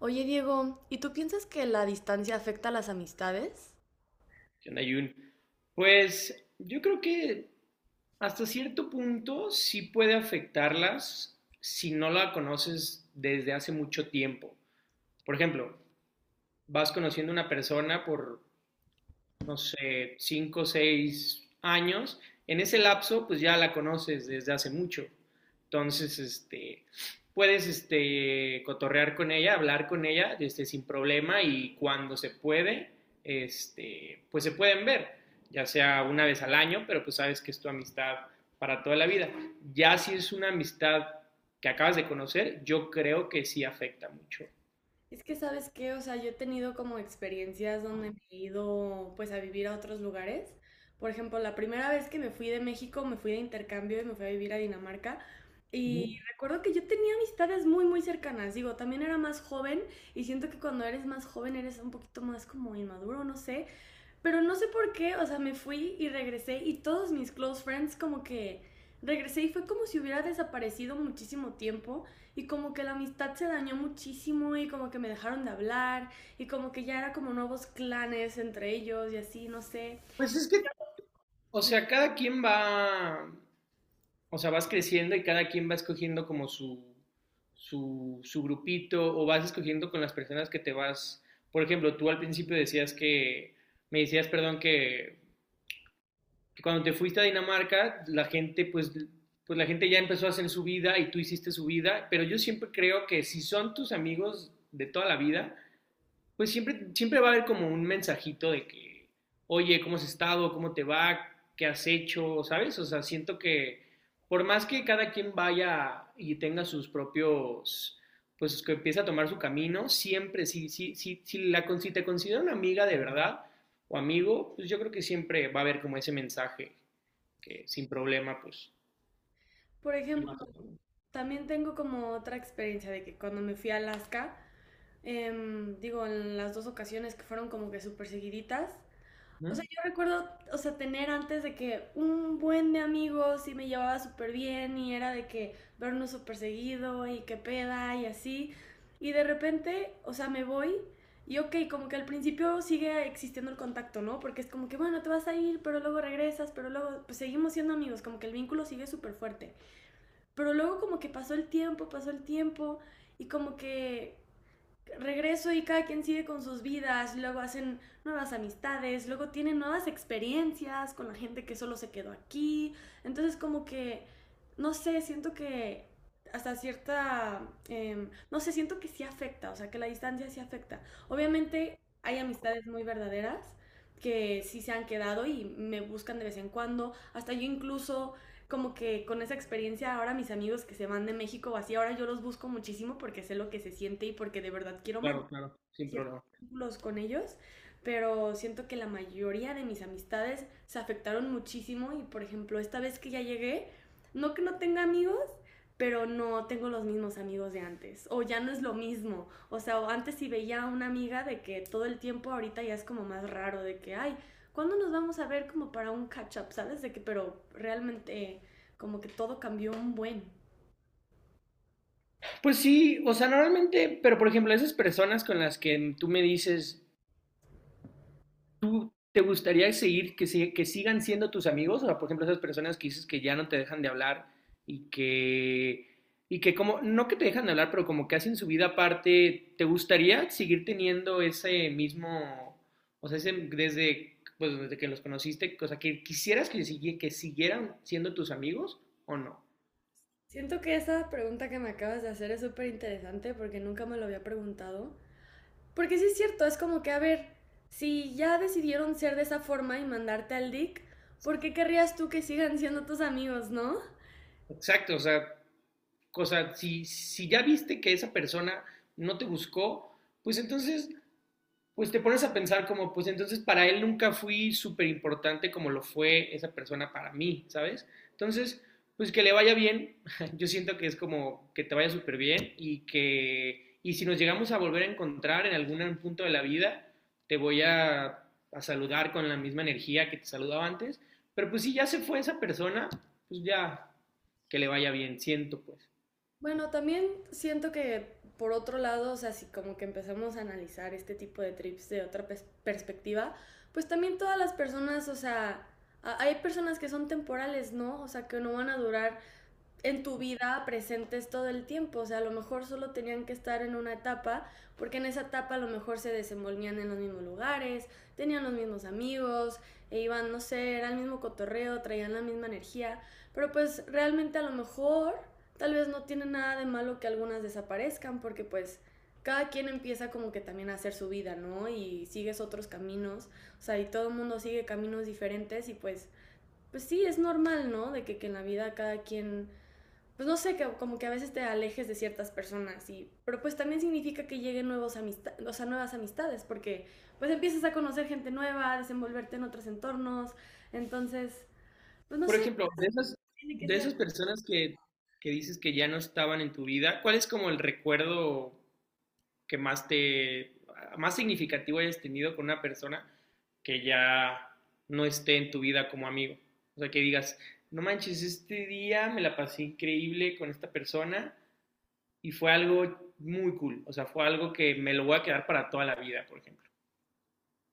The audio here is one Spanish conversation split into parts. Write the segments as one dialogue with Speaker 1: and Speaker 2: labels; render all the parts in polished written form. Speaker 1: Oye, Diego, ¿y tú piensas que la distancia afecta a las amistades?
Speaker 2: ¿Qué onda, Jun? Pues yo creo que hasta cierto punto sí puede afectarlas si no la conoces desde hace mucho tiempo. Por ejemplo, vas conociendo a una persona por no sé, 5 o 6 años, en ese lapso, pues ya la conoces desde hace mucho. Entonces, puedes cotorrear con ella, hablar con ella sin problema y cuando se puede, pues se pueden ver, ya sea una vez al año, pero pues sabes que es tu amistad para toda la vida. Ya si es una amistad que acabas de conocer, yo creo que sí afecta mucho.
Speaker 1: Es que, ¿sabes qué? O sea, yo he tenido como experiencias donde me he ido pues a vivir a otros lugares. Por ejemplo, la primera vez que me fui de México, me fui de intercambio y me fui a vivir a Dinamarca. Y recuerdo que yo tenía amistades muy, muy cercanas. Digo, también era más joven y siento que cuando eres más joven eres un poquito más como inmaduro, no sé. Pero no sé por qué, o sea, me fui y regresé y todos mis close friends como que regresé y fue como si hubiera desaparecido muchísimo tiempo y como que la amistad se dañó muchísimo y como que me dejaron de hablar y como que ya era como nuevos clanes entre ellos y así, no sé.
Speaker 2: Pues es que o sea, cada quien va, o sea, vas creciendo y cada quien va escogiendo como su grupito o vas escogiendo con las personas que te vas. Por ejemplo, tú al principio decías que, me decías, perdón, que cuando te fuiste a Dinamarca, la gente, pues la gente ya empezó a hacer su vida y tú hiciste su vida, pero yo siempre creo que si son tus amigos de toda la vida, pues siempre, siempre va a haber como un mensajito de que, oye, ¿cómo has estado? ¿Cómo te va? ¿Qué has hecho? ¿Sabes? O sea, siento que por más que cada quien vaya y tenga sus propios, pues que empiece a tomar su camino, siempre, si te considera una amiga de verdad o amigo, pues yo creo que siempre va a haber como ese mensaje que sin problema, pues...
Speaker 1: Por ejemplo, también tengo como otra experiencia de que cuando me fui a Alaska, digo, en las dos ocasiones que fueron como que súper seguiditas. O sea,
Speaker 2: ¿Mm?
Speaker 1: yo recuerdo, o sea, tener antes de que un buen de amigos y me llevaba súper bien y era de que vernos súper seguido y qué peda y así. Y de repente, o sea, me voy y ok, como que al principio sigue existiendo el contacto, ¿no? Porque es como que, bueno, te vas a ir, pero luego regresas, pero luego, pues seguimos siendo amigos, como que el vínculo sigue súper fuerte. Pero luego como que pasó el tiempo y como que regreso y cada quien sigue con sus vidas, luego hacen nuevas amistades, luego tienen nuevas experiencias con la gente que solo se quedó aquí. Entonces como que, no sé, siento que hasta cierta, no sé, siento que sí afecta, o sea, que la distancia sí afecta. Obviamente hay amistades muy verdaderas que sí se han quedado y me buscan de vez en cuando. Hasta yo incluso como que con esa experiencia ahora mis amigos que se van de México o así, ahora yo los busco muchísimo porque sé lo que se siente y porque de verdad quiero mantener
Speaker 2: Claro, claro, sin
Speaker 1: ciertos
Speaker 2: problema.
Speaker 1: vínculos con ellos, pero siento que la mayoría de mis amistades se afectaron muchísimo y por ejemplo esta vez que ya llegué, no que no tenga amigos, pero no tengo los mismos amigos de antes, o ya no es lo mismo, o sea, antes si veía a una amiga de que todo el tiempo ahorita ya es como más raro, de que, ay, ¿cuándo nos vamos a ver como para un catch-up? ¿Sabes? De que, pero realmente como que todo cambió un buen.
Speaker 2: Pues sí, o sea, normalmente, pero por ejemplo, esas personas con las que tú me dices, ¿tú te gustaría seguir, que, si- que sigan siendo tus amigos? O sea, por ejemplo, esas personas que dices que ya no te dejan de hablar y que, y que como, no que te dejan de hablar, pero como que hacen su vida aparte, ¿te gustaría seguir teniendo ese mismo, o sea, ese, desde, pues, desde que los conociste, o sea, que quisieras que, que siguieran siendo tus amigos o no?
Speaker 1: Siento que esa pregunta que me acabas de hacer es súper interesante porque nunca me lo había preguntado. Porque sí es cierto, es como que, a ver, si ya decidieron ser de esa forma y mandarte al DIC, ¿por qué querrías tú que sigan siendo tus amigos, no?
Speaker 2: Exacto, o sea, cosa, si ya viste que esa persona no te buscó, pues entonces pues te pones a pensar como, pues entonces para él nunca fui súper importante como lo fue esa persona para mí, ¿sabes? Entonces, pues que le vaya bien, yo siento que es como que te vaya súper bien y que, y si nos llegamos a volver a encontrar en algún punto de la vida, te voy a saludar con la misma energía que te saludaba antes, pero pues si ya se fue esa persona, pues ya, que le vaya bien, siento pues.
Speaker 1: Bueno, también siento que por otro lado, o sea, si como que empezamos a analizar este tipo de trips de otra perspectiva, pues también todas las personas, o sea, hay personas que son temporales, ¿no? O sea, que no van a durar en tu vida presentes todo el tiempo. O sea, a lo mejor solo tenían que estar en una etapa, porque en esa etapa a lo mejor se desenvolvían en los mismos lugares, tenían los mismos amigos, e iban, no sé, era el mismo cotorreo, traían la misma energía. Pero pues realmente a lo mejor tal vez no tiene nada de malo que algunas desaparezcan, porque pues cada quien empieza como que también a hacer su vida, ¿no? Y sigues otros caminos, o sea, y todo el mundo sigue caminos diferentes y pues, pues sí, es normal, ¿no? De que en la vida cada quien pues no sé, que, como que a veces te alejes de ciertas personas, y, pero pues también significa que lleguen nuevos amistad, o sea, nuevas amistades, porque pues empiezas a conocer gente nueva, a desenvolverte en otros entornos, entonces, pues no
Speaker 2: Por
Speaker 1: sé,
Speaker 2: ejemplo, de esas,
Speaker 1: tiene que
Speaker 2: de
Speaker 1: ser,
Speaker 2: esas personas que dices que ya no estaban en tu vida, ¿cuál es como el recuerdo que más te, más significativo hayas tenido con una persona que ya no esté en tu vida como amigo? O sea, que digas, no manches, este día me la pasé increíble con esta persona y fue algo muy cool. O sea, fue algo que me lo voy a quedar para toda la vida, por ejemplo.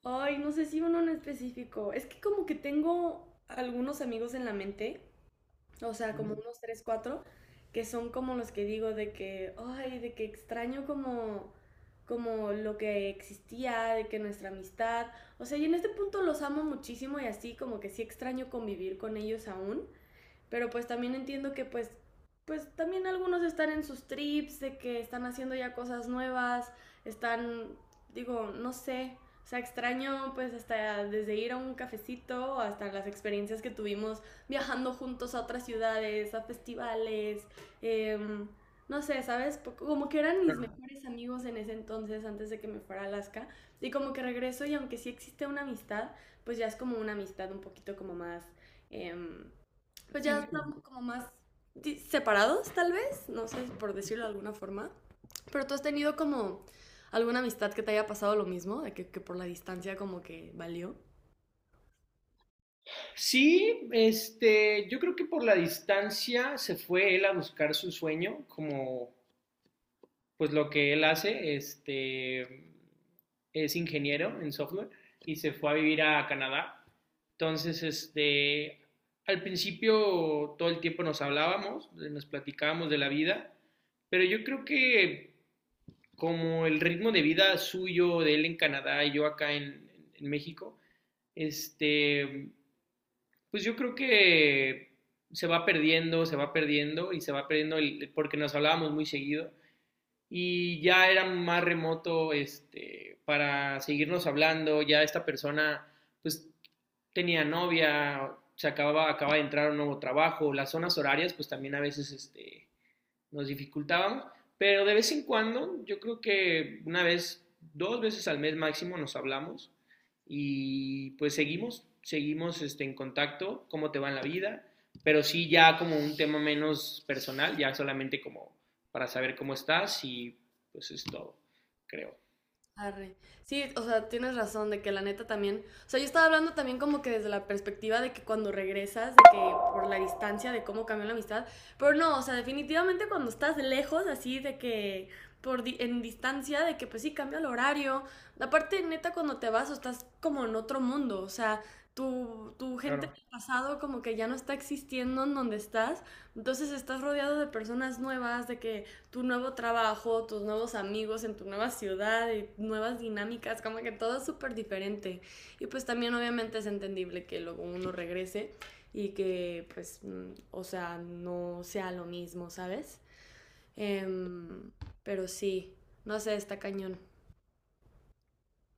Speaker 1: ay, no sé si uno en específico, es que como que tengo algunos amigos en la mente, o sea, como unos tres, cuatro, que son como los que digo de que, ay, de que extraño como, como lo que existía, de que nuestra amistad, o sea, y en este punto los amo muchísimo y así como que sí extraño convivir con ellos aún, pero pues también entiendo que pues, pues también algunos están en sus trips, de que están haciendo ya cosas nuevas, están, digo, no sé. O sea, extraño pues hasta desde ir a un cafecito hasta las experiencias que tuvimos viajando juntos a otras ciudades, a festivales, eh, no sé, ¿sabes? Como que eran mis mejores amigos en ese entonces antes de que me fuera a Alaska. Y como que regreso y aunque sí existe una amistad, pues ya es como una amistad un poquito como más... Eh, pues ya
Speaker 2: Sí, pues.
Speaker 1: estamos como más separados, tal vez, no sé, por decirlo de alguna forma. Pero tú has tenido como alguna amistad que te haya pasado lo mismo, de que por la distancia como que valió.
Speaker 2: Sí, yo creo que por la distancia se fue él a buscar su sueño, como pues lo que él hace, es ingeniero en software y se fue a vivir a Canadá. Entonces, al principio todo el tiempo nos hablábamos, nos platicábamos de la vida, pero yo creo que como el ritmo de vida suyo de él en Canadá y yo acá en, México, este, pues yo creo que se va perdiendo y se va perdiendo el, porque nos hablábamos muy seguido y ya era más remoto para seguirnos hablando, ya esta persona pues tenía novia, se acababa, acaba de entrar a un nuevo trabajo, las zonas horarias pues también a veces nos dificultábamos, pero de vez en cuando, yo creo que una vez, dos veces al mes máximo nos hablamos y pues seguimos en contacto, cómo te va en la vida, pero sí ya como un tema menos personal, ya solamente como para saber cómo estás y pues es todo, creo.
Speaker 1: Arre. Sí, o sea, tienes razón de que la neta también, o sea, yo estaba hablando también como que desde la perspectiva de que cuando regresas, de que por la distancia, de cómo cambió la amistad, pero no, o sea, definitivamente cuando estás lejos, así de que por en distancia, de que pues sí cambia el horario, aparte neta cuando te vas o estás como en otro mundo, o sea, tu gente
Speaker 2: Claro.
Speaker 1: del pasado como que ya no está existiendo en donde estás, entonces estás rodeado de personas nuevas, de que tu nuevo trabajo, tus nuevos amigos en tu nueva ciudad, y nuevas dinámicas, como que todo es súper diferente. Y pues también obviamente es entendible que luego uno regrese y que pues, o sea, no sea lo mismo, ¿sabes? Em, pero sí, no sé, está cañón.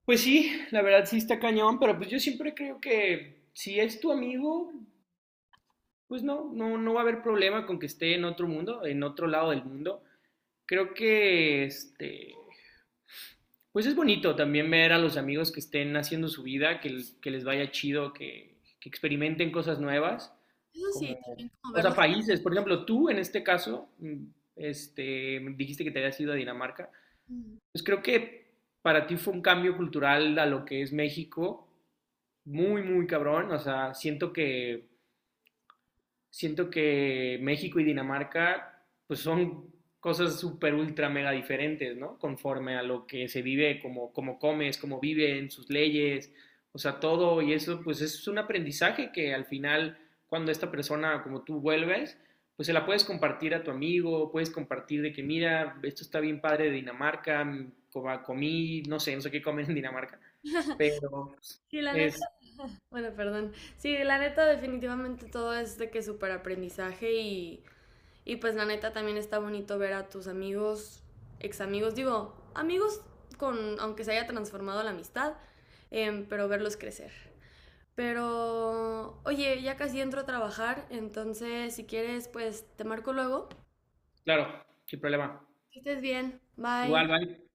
Speaker 2: Pues sí, la verdad sí está cañón, pero pues yo siempre creo que si es tu amigo, pues no, no, no va a haber problema con que esté en otro mundo, en otro lado del mundo. Creo que pues es bonito también ver a los amigos que estén haciendo su vida, que les vaya chido, que experimenten cosas nuevas,
Speaker 1: Eso
Speaker 2: como,
Speaker 1: sí, también como
Speaker 2: o
Speaker 1: verlo.
Speaker 2: sea, países, por ejemplo, tú en este caso, dijiste que te habías ido a Dinamarca, pues creo que para ti fue un cambio cultural a lo que es México, muy, muy cabrón, o sea, siento que México y Dinamarca pues son cosas súper ultra mega diferentes, ¿no? Conforme a lo que se vive, como, como comes, cómo viven, sus leyes, o sea, todo y eso pues es un aprendizaje que al final cuando esta persona como tú vuelves, pues se la puedes compartir a tu amigo, puedes compartir de que mira, esto está bien padre de Dinamarca, comí, no sé, no sé qué comen en Dinamarca, pero pues,
Speaker 1: Sí, la neta,
Speaker 2: es,
Speaker 1: bueno, perdón. Sí, la neta definitivamente todo es de que súper aprendizaje y pues la neta también está bonito ver a tus amigos, ex amigos, digo, amigos con, aunque se haya transformado la amistad, pero verlos crecer. Pero, oye, ya casi entro a trabajar, entonces si quieres, pues te marco luego.
Speaker 2: claro, qué problema.
Speaker 1: Que estés bien, bye.
Speaker 2: Igual, bye.